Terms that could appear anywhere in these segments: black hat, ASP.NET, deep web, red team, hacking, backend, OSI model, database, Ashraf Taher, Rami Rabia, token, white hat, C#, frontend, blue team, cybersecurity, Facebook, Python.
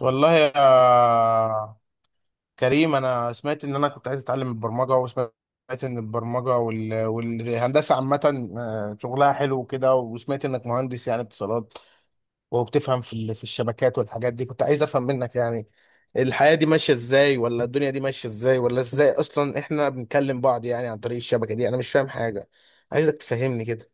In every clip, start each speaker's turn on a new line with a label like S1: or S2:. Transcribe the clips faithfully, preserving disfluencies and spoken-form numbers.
S1: والله يا كريم، انا سمعت ان انا كنت عايز اتعلم البرمجه، وسمعت ان البرمجه وال... والهندسه عامه، آه، شغلها حلو وكده، وسمعت انك مهندس يعني اتصالات وبتفهم في ال- في الشبكات والحاجات دي. كنت عايز افهم منك يعني الحياه دي ماشيه ازاي، ولا الدنيا دي ماشيه ازاي، ولا ازاي اصلا احنا بنكلم بعض يعني عن طريق الشبكه دي. انا مش فاهم حاجه، عايزك تفهمني كده.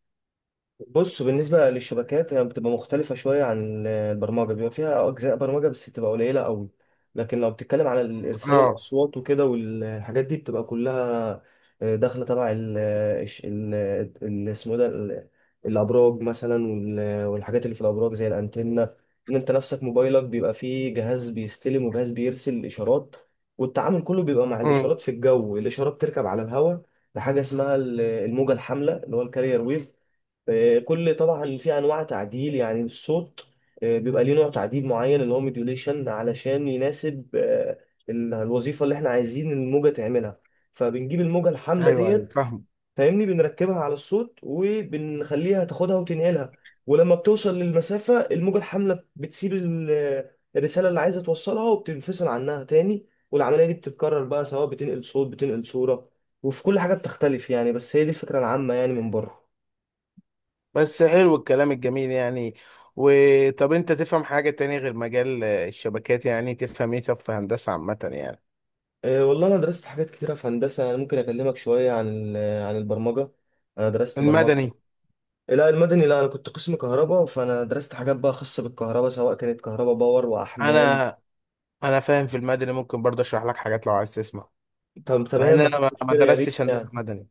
S2: بص، بالنسبة للشبكات هي بتبقى مختلفة شوية عن البرمجة، بيبقى فيها أجزاء برمجة بس بتبقى قليلة قوي. لكن لو بتتكلم على الإرسال
S1: اه.
S2: الأصوات وكده والحاجات دي بتبقى كلها آه، داخلة تبع ال آه، الش- ال- ال- اسمه ده ال- الأبراج مثلا، وال- والحاجات اللي في الأبراج زي الأنتنة. إن أنت نفسك موبايلك بيبقى فيه جهاز بيستلم وجهاز بيرسل إشارات، والتعامل كله بيبقى مع
S1: امم.
S2: الإشارات في الجو، الإشارة بتركب على الهواء بحاجة اسمها ال- الموجة الحاملة اللي هو الكارير ويف. آه، كل طبعا في انواع تعديل، يعني الصوت آه، بيبقى ليه نوع تعديل معين اللي هو موديوليشن، علشان يناسب آه، ال- الوظيفه اللي احنا عايزين الموجه تعملها. فبنجيب الموجه الحامله
S1: ايوه، ايوه،
S2: ديت،
S1: فاهم.
S2: فاهمني، بنركبها على الصوت وبنخليها تاخدها وتنقلها. ولما بتوصل للمسافه، الموجه الحامله بتسيب ال- الرساله اللي عايزه توصلها وبتنفصل عنها تاني. والعمليه دي بتتكرر بقى، سواء بتنقل صوت بتنقل صوره، وفي كل حاجه بتختلف يعني، بس هي دي الفكره العامه يعني من بره.
S1: بس حلو الكلام الجميل يعني. وطب انت تفهم حاجة تانية غير مجال آه، الشبكات؟ يعني تفهم ايه؟ طب في هندسة عامة يعني؟
S2: أه، والله انا درست حاجات كتيره في هندسه، يعني انا ممكن اكلمك شويه عن ال- عن البرمجه. انا درست برمجه.
S1: المدني؟
S2: لا، المدني لا، انا كنت قسم كهرباء، فانا درست حاجات بقى خاصه بالكهرباء، سواء كانت كهرباء باور واحمال.
S1: انا انا فاهم في المدني، ممكن برضه اشرح لك حاجات لو عايز تسمع.
S2: طب
S1: مع ان
S2: تمام،
S1: انا
S2: مفيش
S1: ما ما
S2: مشكله، يا ريت
S1: درستش هندسة
S2: يعني.
S1: مدني.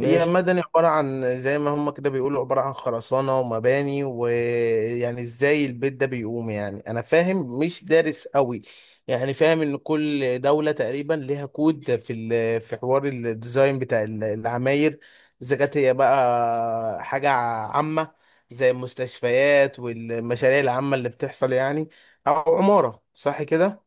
S1: هي مدني عبارة عن، زي ما هم كده بيقولوا، عبارة عن خرسانة ومباني، ويعني ازاي البيت ده بيقوم. يعني انا فاهم مش دارس قوي. يعني فاهم ان كل دولة تقريبا ليها كود في ال- في حوار الديزاين بتاع ال- العماير، اذا كانت هي بقى حاجة عامة زي المستشفيات والمشاريع العامة اللي بتحصل يعني، او عمارة، صح كده؟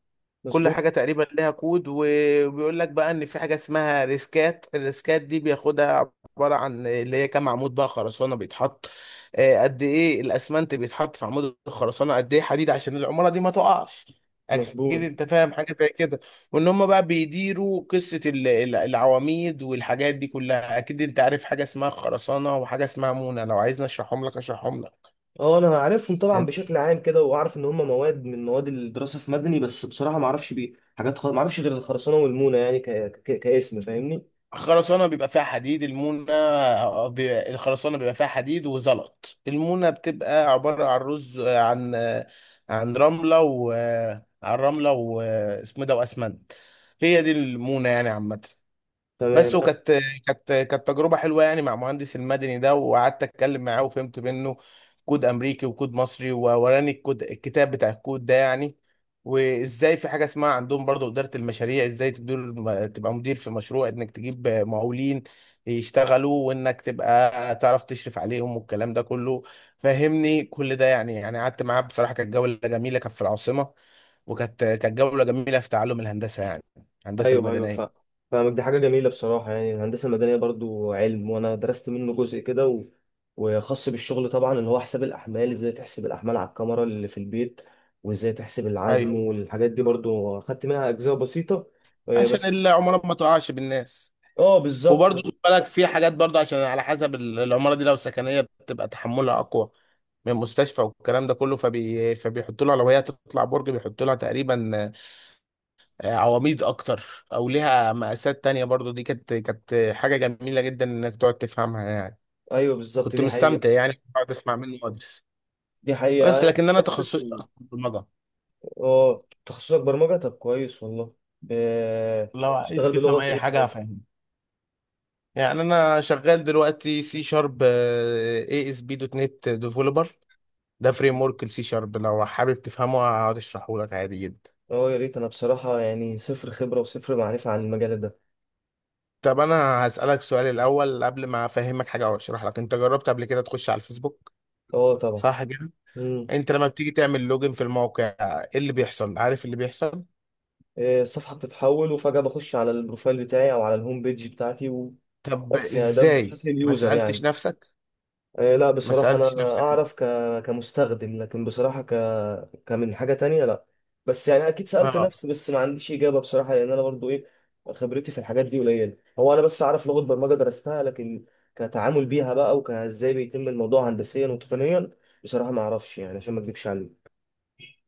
S1: كل
S2: مظبوط.
S1: حاجة تقريبا لها كود، وبيقول لك بقى ان في حاجة اسمها ريسكات. الريسكات دي بياخدها عبارة عن اللي هي كام عمود بقى خرسانة بيتحط، آه، قد ايه الاسمنت بيتحط في عمود الخرسانة، قد ايه حديد عشان العمارة دي ما تقعش. اكيد
S2: مظبوط.
S1: انت فاهم حاجة زي كده. وان هم بقى بيديروا قصة ال- ال- العواميد والحاجات دي كلها. اكيد انت عارف حاجة اسمها خرسانة وحاجة اسمها مونة. لو عايزني اشرحهم لك، اشرحهم لك.
S2: اه، انا عارفهم طبعا بشكل عام كده، واعرف ان هم مواد من مواد الدراسه في مدني، بس بصراحه ما اعرفش بيه حاجات خ... ما اعرفش غير الخرسانه والمونه يعني، ك... ك... كاسم، فاهمني.
S1: خرسانة بيبقى فيها حديد. المونة، آه، بي- الخرسانة بيبقى فيها حديد وزلط. المونة بتبقى عبارة عن رز، آه، عن آه، عن رملة و آه، عن رملة و آه، اسمه إيه ده وأسمنت. هي دي المونة يعني عامة. بس،
S2: تمام.
S1: وكانت كانت كانت تجربة حلوة يعني مع مهندس المدني ده، وقعدت اتكلم معاه وفهمت منه كود امريكي وكود مصري، ووراني الكود، الكتاب بتاع الكود ده يعني. وازاي في حاجة اسمها عندهم برضو إدارة المشاريع، ازاي تدير تبقى مدير في مشروع، انك تجيب مقاولين يشتغلوا، وانك تبقى تعرف تشرف عليهم، والكلام ده كله فهمني كل ده يعني. يعني قعدت معاه بصراحة. كانت جولة جميلة، كانت في العاصمة، وكانت كانت جولة جميلة في تعلم الهندسة يعني، الهندسة
S2: ايوه، ايوه فاهم.
S1: المدنية.
S2: فاهمك، دي حاجه جميله بصراحه، يعني الهندسه المدنيه برضو علم، وانا درست منه جزء كده و... وخاص بالشغل، طبعا اللي هو حساب الاحمال، ازاي تحسب الاحمال على الكاميرا اللي في البيت، وازاي تحسب
S1: ايوه،
S2: العزم، والحاجات دي برضو خدت منها اجزاء بسيطه آه،
S1: عشان
S2: بس.
S1: العمارة ما تقعش بالناس.
S2: اه
S1: وبرضه
S2: بالظبط.
S1: خد بالك في حاجات، برضه عشان على حسب ال- العمارة دي، لو سكنية بتبقى تحملها أقوى من مستشفى والكلام ده كله. فبي... فبيحطوا لها، لو هي تطلع برج بيحطوا لها تقريبا آه، عواميد أكتر، أو ليها مقاسات تانية برضه. دي كانت كانت حاجة جميلة جدا إنك تقعد تفهمها يعني.
S2: ايوه بالظبط،
S1: كنت
S2: دي حقيقه.
S1: مستمتع يعني، بقعد أسمع منه مدرس.
S2: دي حقيقه،
S1: بس
S2: أنا
S1: لكن أنا
S2: نفس
S1: تخصصي
S2: الت-
S1: أصلا برمجة.
S2: اه، تخصصك برمجه؟ طب كويس والله. ب-
S1: لو عايز
S2: تشتغل
S1: تفهم
S2: بلغه
S1: أي
S2: ايه
S1: حاجة
S2: طيب؟
S1: هفهمك. يعني انا شغال دلوقتي سي شارب، اي اس بي دوت نت ديفلوبر. ده فريم ورك السي شارب، لو حابب تفهمه هقعد اشرحه لك عادي جدا.
S2: اه يا ريت، انا بصراحه يعني صفر خبره وصفر معرفه عن المجال ده.
S1: طب انا هسألك سؤال الاول، قبل ما افهمك حاجه او اشرح لك، انت جربت قبل كده تخش على الفيسبوك؟
S2: اه طبعا.
S1: صح كده؟
S2: مم.
S1: انت لما بتيجي تعمل لوجن في الموقع، ايه اللي بيحصل؟ عارف اللي بيحصل؟
S2: آه، الصفحة بتتحول، وفجأة بخش على البروفايل بتاعي أو على الهوم بيج بتاعتي. وبس،
S1: طب
S2: يعني ده
S1: ازاي؟
S2: بشكل
S1: ما
S2: اليوزر
S1: سألتش
S2: يعني.
S1: نفسك؟
S2: آه، لا
S1: ما
S2: بصراحة
S1: سألتش
S2: أنا
S1: نفسك إزاي؟
S2: أعرف ك... كمستخدم، لكن بصراحة ك... كمن حاجة تانية لا. بس يعني أكيد سألت
S1: اه.
S2: نفسي، بس ما عنديش إجابة بصراحة، لأن أنا برضو إيه، خبرتي في الحاجات دي قليلة. هو أنا بس أعرف لغة برمجة درستها، لكن كتعامل بيها بقى، وكإزاي بيتم الموضوع هندسيا وتقنيا، بصراحة ما أعرفش، يعني عشان ما أكدبش عليك.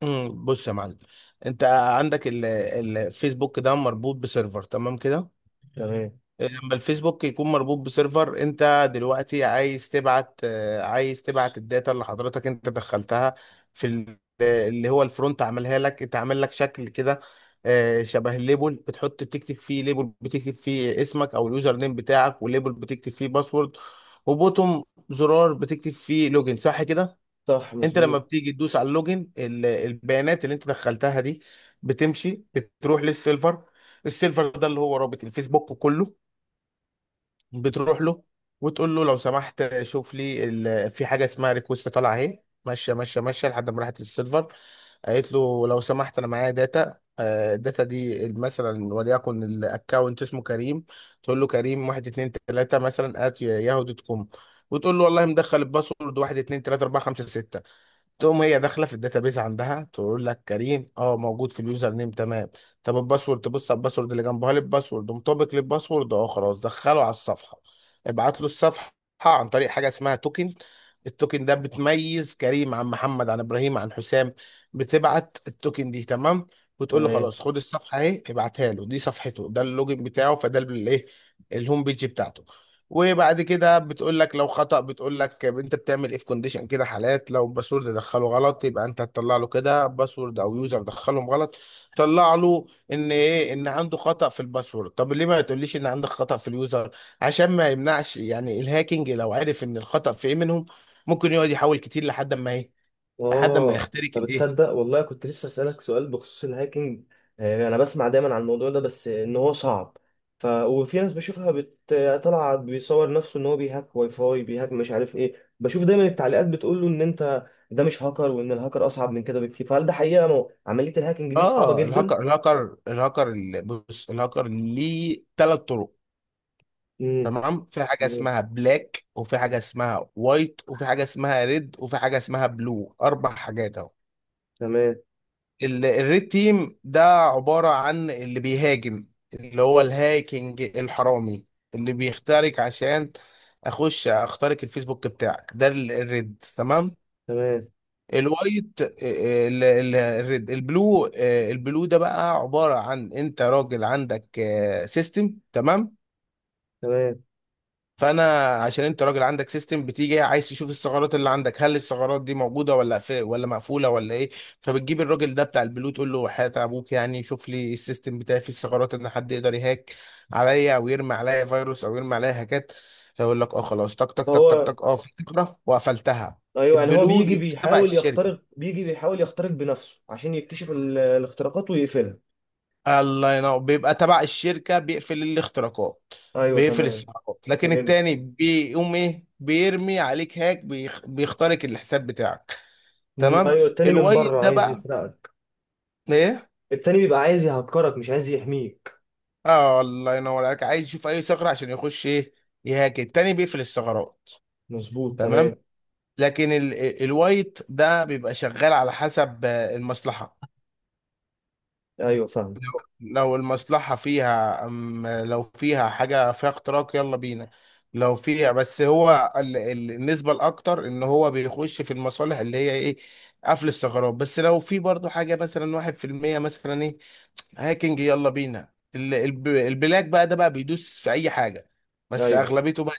S1: أمم، بص يا معلم. انت عندك ال- الفيسبوك ده مربوط بسيرفر، تمام كده؟
S2: تمام.
S1: لما الفيسبوك يكون مربوط بسيرفر، انت دلوقتي عايز تبعت آه، عايز تبعت الداتا اللي حضرتك انت دخلتها في ال- اللي هو الفرونت عملها لك. انت عامل لك شكل كده، آه، شبه الليبل، بتحط بتكتب فيه ليبل، بتكتب فيه اسمك او اليوزر نيم بتاعك، والليبل بتكتب فيه باسورد، وبوتوم، زرار بتكتب فيه لوجن، صح كده؟
S2: صح
S1: انت لما
S2: مظبوط.
S1: بتيجي تدوس على اللوجن، ال- البيانات اللي انت دخلتها دي بتمشي، بتروح للسيرفر. السيرفر ده اللي هو رابط الفيسبوك كله. بتروح له وتقول له لو سمحت شوف لي ال... في حاجه اسمها ريكوست طالعه اهي، ماشيه ماشيه ماشيه لحد ما راحت للسيرفر. قالت له لو سمحت انا معايا داتا، آه، الداتا دي مثلا وليكن الاكونت اسمه كريم. تقول له كريم واحد اتنين تلاته مثلا ات ياهو دوت كوم، وتقول له والله مدخل الباسورد واحد اتنين تلاته اربعه خمسه سته. تقوم هي داخله في الداتابيز عندها تقول لك كريم، اه، موجود في اليوزر نيم، تمام. طب الباسورد، تبص على الباسورد اللي جنبها، للباسورد مطابق للباسورد، اه، خلاص، دخله على الصفحه، ابعت له الصفحه عن طريق حاجه اسمها توكن. التوكن ده بتميز كريم عن محمد عن ابراهيم عن حسام. بتبعت التوكن دي، تمام. وتقول له
S2: تمام.
S1: خلاص خد الصفحه اهي، ابعتها له. دي صفحته، ده اللوجن بتاعه، فده الايه، الهوم بيج بتاعته. وبعد كده بتقول لك لو خطأ، بتقول لك انت بتعمل ايه في كونديشن كده، حالات، لو باسورد دخله غلط يبقى انت هتطلع له كده باسورد او يوزر دخلهم غلط. طلع له ان ايه، ان عنده خطأ في الباسورد. طب ليه ما تقوليش ان عندك خطأ في اليوزر؟ عشان ما يمنعش يعني الهاكينج، لو عرف ان الخطأ في ايه منهم، ممكن يقعد يحاول كتير لحد ما ايه، لحد ما
S2: اه،
S1: يخترق
S2: طب
S1: الايه.
S2: تصدق والله، كنت لسه اسالك سؤال بخصوص الهاكينج. آه، انا بسمع دايما عن الموضوع ده، بس ان هو صعب. ف وفي ناس بشوفها بت... طالعه بيصور نفسه ان هو بيهاك واي فاي، بيهاك مش عارف ايه، بشوف دايما التعليقات بتقول له ان انت ده مش هاكر، وان الهاكر اصعب من كده بكتير، فهل ده حقيقه؟ مو... عمليه الهاكينج دي صعبه
S1: اه،
S2: جدا؟
S1: الهاكر الهاكر الهاكر ال- بص، الهاكر ليه ثلاث طرق.
S2: امم.
S1: تمام، في حاجة اسمها بلاك، وفي حاجة اسمها وايت، وفي حاجة اسمها ريد، وفي حاجة اسمها بلو. أربع حاجات أهو.
S2: تمام.
S1: ال- الريد تيم ده عبارة عن اللي بيهاجم، اللي هو الهاكينج الحرامي، اللي بيخترق عشان أخش أخترق الفيسبوك بتاعك. ده ال- الريد، تمام.
S2: تمام،
S1: الوايت، ال- ال- الريد، البلو، آه، البلو ده بقى عبارة عن، انت راجل عندك سيستم، تمام.
S2: تمام.
S1: فانا عشان انت راجل عندك سيستم، بتيجي عايز تشوف الثغرات اللي عندك، هل الثغرات دي موجوده، ولا في، ولا مقفوله، ولا ايه. فبتجيب الراجل ده بتاع البلو، تقول له حياة ابوك يعني شوف لي السيستم بتاعي فيه الثغرات، ان حد يقدر يهاك عليا، او يرمي عليا فيروس، او يرمي عليا هاكات. فيقول لك اه خلاص، تك تك تك تك
S2: فهو
S1: تك، اه، في ثغره وقفلتها.
S2: ايوه، يعني هو
S1: البلو
S2: بيجي
S1: بيبقى تبع
S2: بيحاول
S1: الشركه.
S2: يخترق، بيجي بيحاول يخترق بنفسه عشان يكتشف ال- الاختراقات ويقفلها.
S1: الله ينور، بيبقى تبع الشركة بيقفل الاختراقات،
S2: ايوه
S1: بيقفل
S2: تمام.
S1: السحقات. لكن
S2: فهمت.
S1: التاني بيقوم ايه؟ بيرمي عليك هاك، بيخ... بيخترق الحساب بتاعك.
S2: مم،
S1: تمام.
S2: ايوه، التاني من
S1: الوايت
S2: بره
S1: ده
S2: عايز
S1: بقى
S2: يسرقك.
S1: ايه؟
S2: التاني بيبقى عايز يهكرك مش عايز يحميك.
S1: اه، الله ينور عليك، عايز يشوف اي ثغرة عشان يخش ايه؟ يهاك. التاني بيقفل الثغرات.
S2: مظبوط تمام.
S1: تمام. لكن ال... ال- الوايت ده بيبقى شغال على حسب آه، المصلحة.
S2: ايوه فاهم.
S1: لو لو المصلحة فيها أم، لو فيها حاجة فيها اختراق، يلا بينا. لو فيها، بس هو ال- ال- النسبة الأكتر إن هو بيخش في المصالح اللي هي إيه؟ قفل الثغرات. بس لو في برضو حاجة مثلا واحد في المية مثلا، إيه؟ هاكينج، يلا بينا. ال- الب- البلاك بقى ده بقى بيدوس في أي حاجة، بس
S2: ايوه
S1: أغلبيته بقى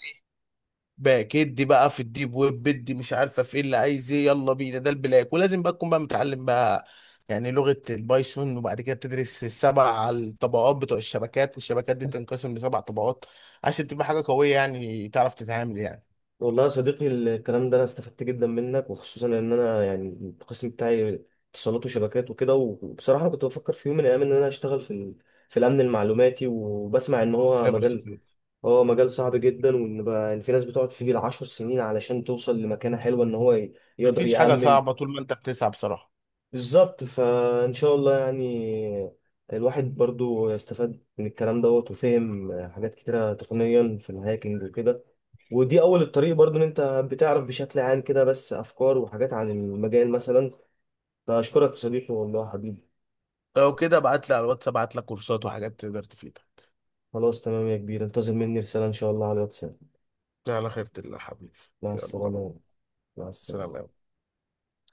S1: باك ادي بقى في الديب ويب، بدي مش عارفه في ايه اللي عايز ايه، يلا بينا. ده البلاك، ولازم بقى تكون بقى متعلم بقى يعني لغه البايثون، وبعد كده بتدرس السبع الطبقات بتوع الشبكات، والشبكات دي تنقسم لسبع طبقات عشان تبقى حاجه قويه يعني تعرف تتعامل يعني.
S2: والله يا صديقي، الكلام ده انا استفدت جدا منك، وخصوصا ان انا يعني القسم بتاعي اتصالات وشبكات وكده. وبصراحه أنا كنت بفكر في يوم من الايام ان انا اشتغل في ال- في الامن المعلوماتي، وبسمع ان هو
S1: سايبر
S2: مجال،
S1: سكيورتي.
S2: هو مجال صعب جدا، وان بقى إن في ناس بتقعد فيه بالعشر سنين علشان توصل لمكانه حلوه، ان هو ي- يقدر
S1: مفيش حاجه
S2: يأمن.
S1: صعبه طول ما انت بتسعى بصراحه.
S2: بالظبط، فإن شاء الله يعني الواحد برضو استفاد من الكلام دوت، وفهم حاجات كتيرة تقنيا في الهاكينج وكده، ودي أول الطريق برضو، إن أنت بتعرف بشكل عام كده بس أفكار وحاجات عن المجال مثلا، فأشكرك يا صديقي والله حبيبي.
S1: لو كده ابعت لي على الواتس، ابعت لك كورسات وحاجات تقدر تفيدك.
S2: خلاص تمام يا كبير، انتظر مني رسالة إن شاء الله على الواتساب.
S1: على خيرة الله حبيبي.
S2: مع
S1: يلا.
S2: السلامة. مع
S1: سلام يا
S2: السلامة.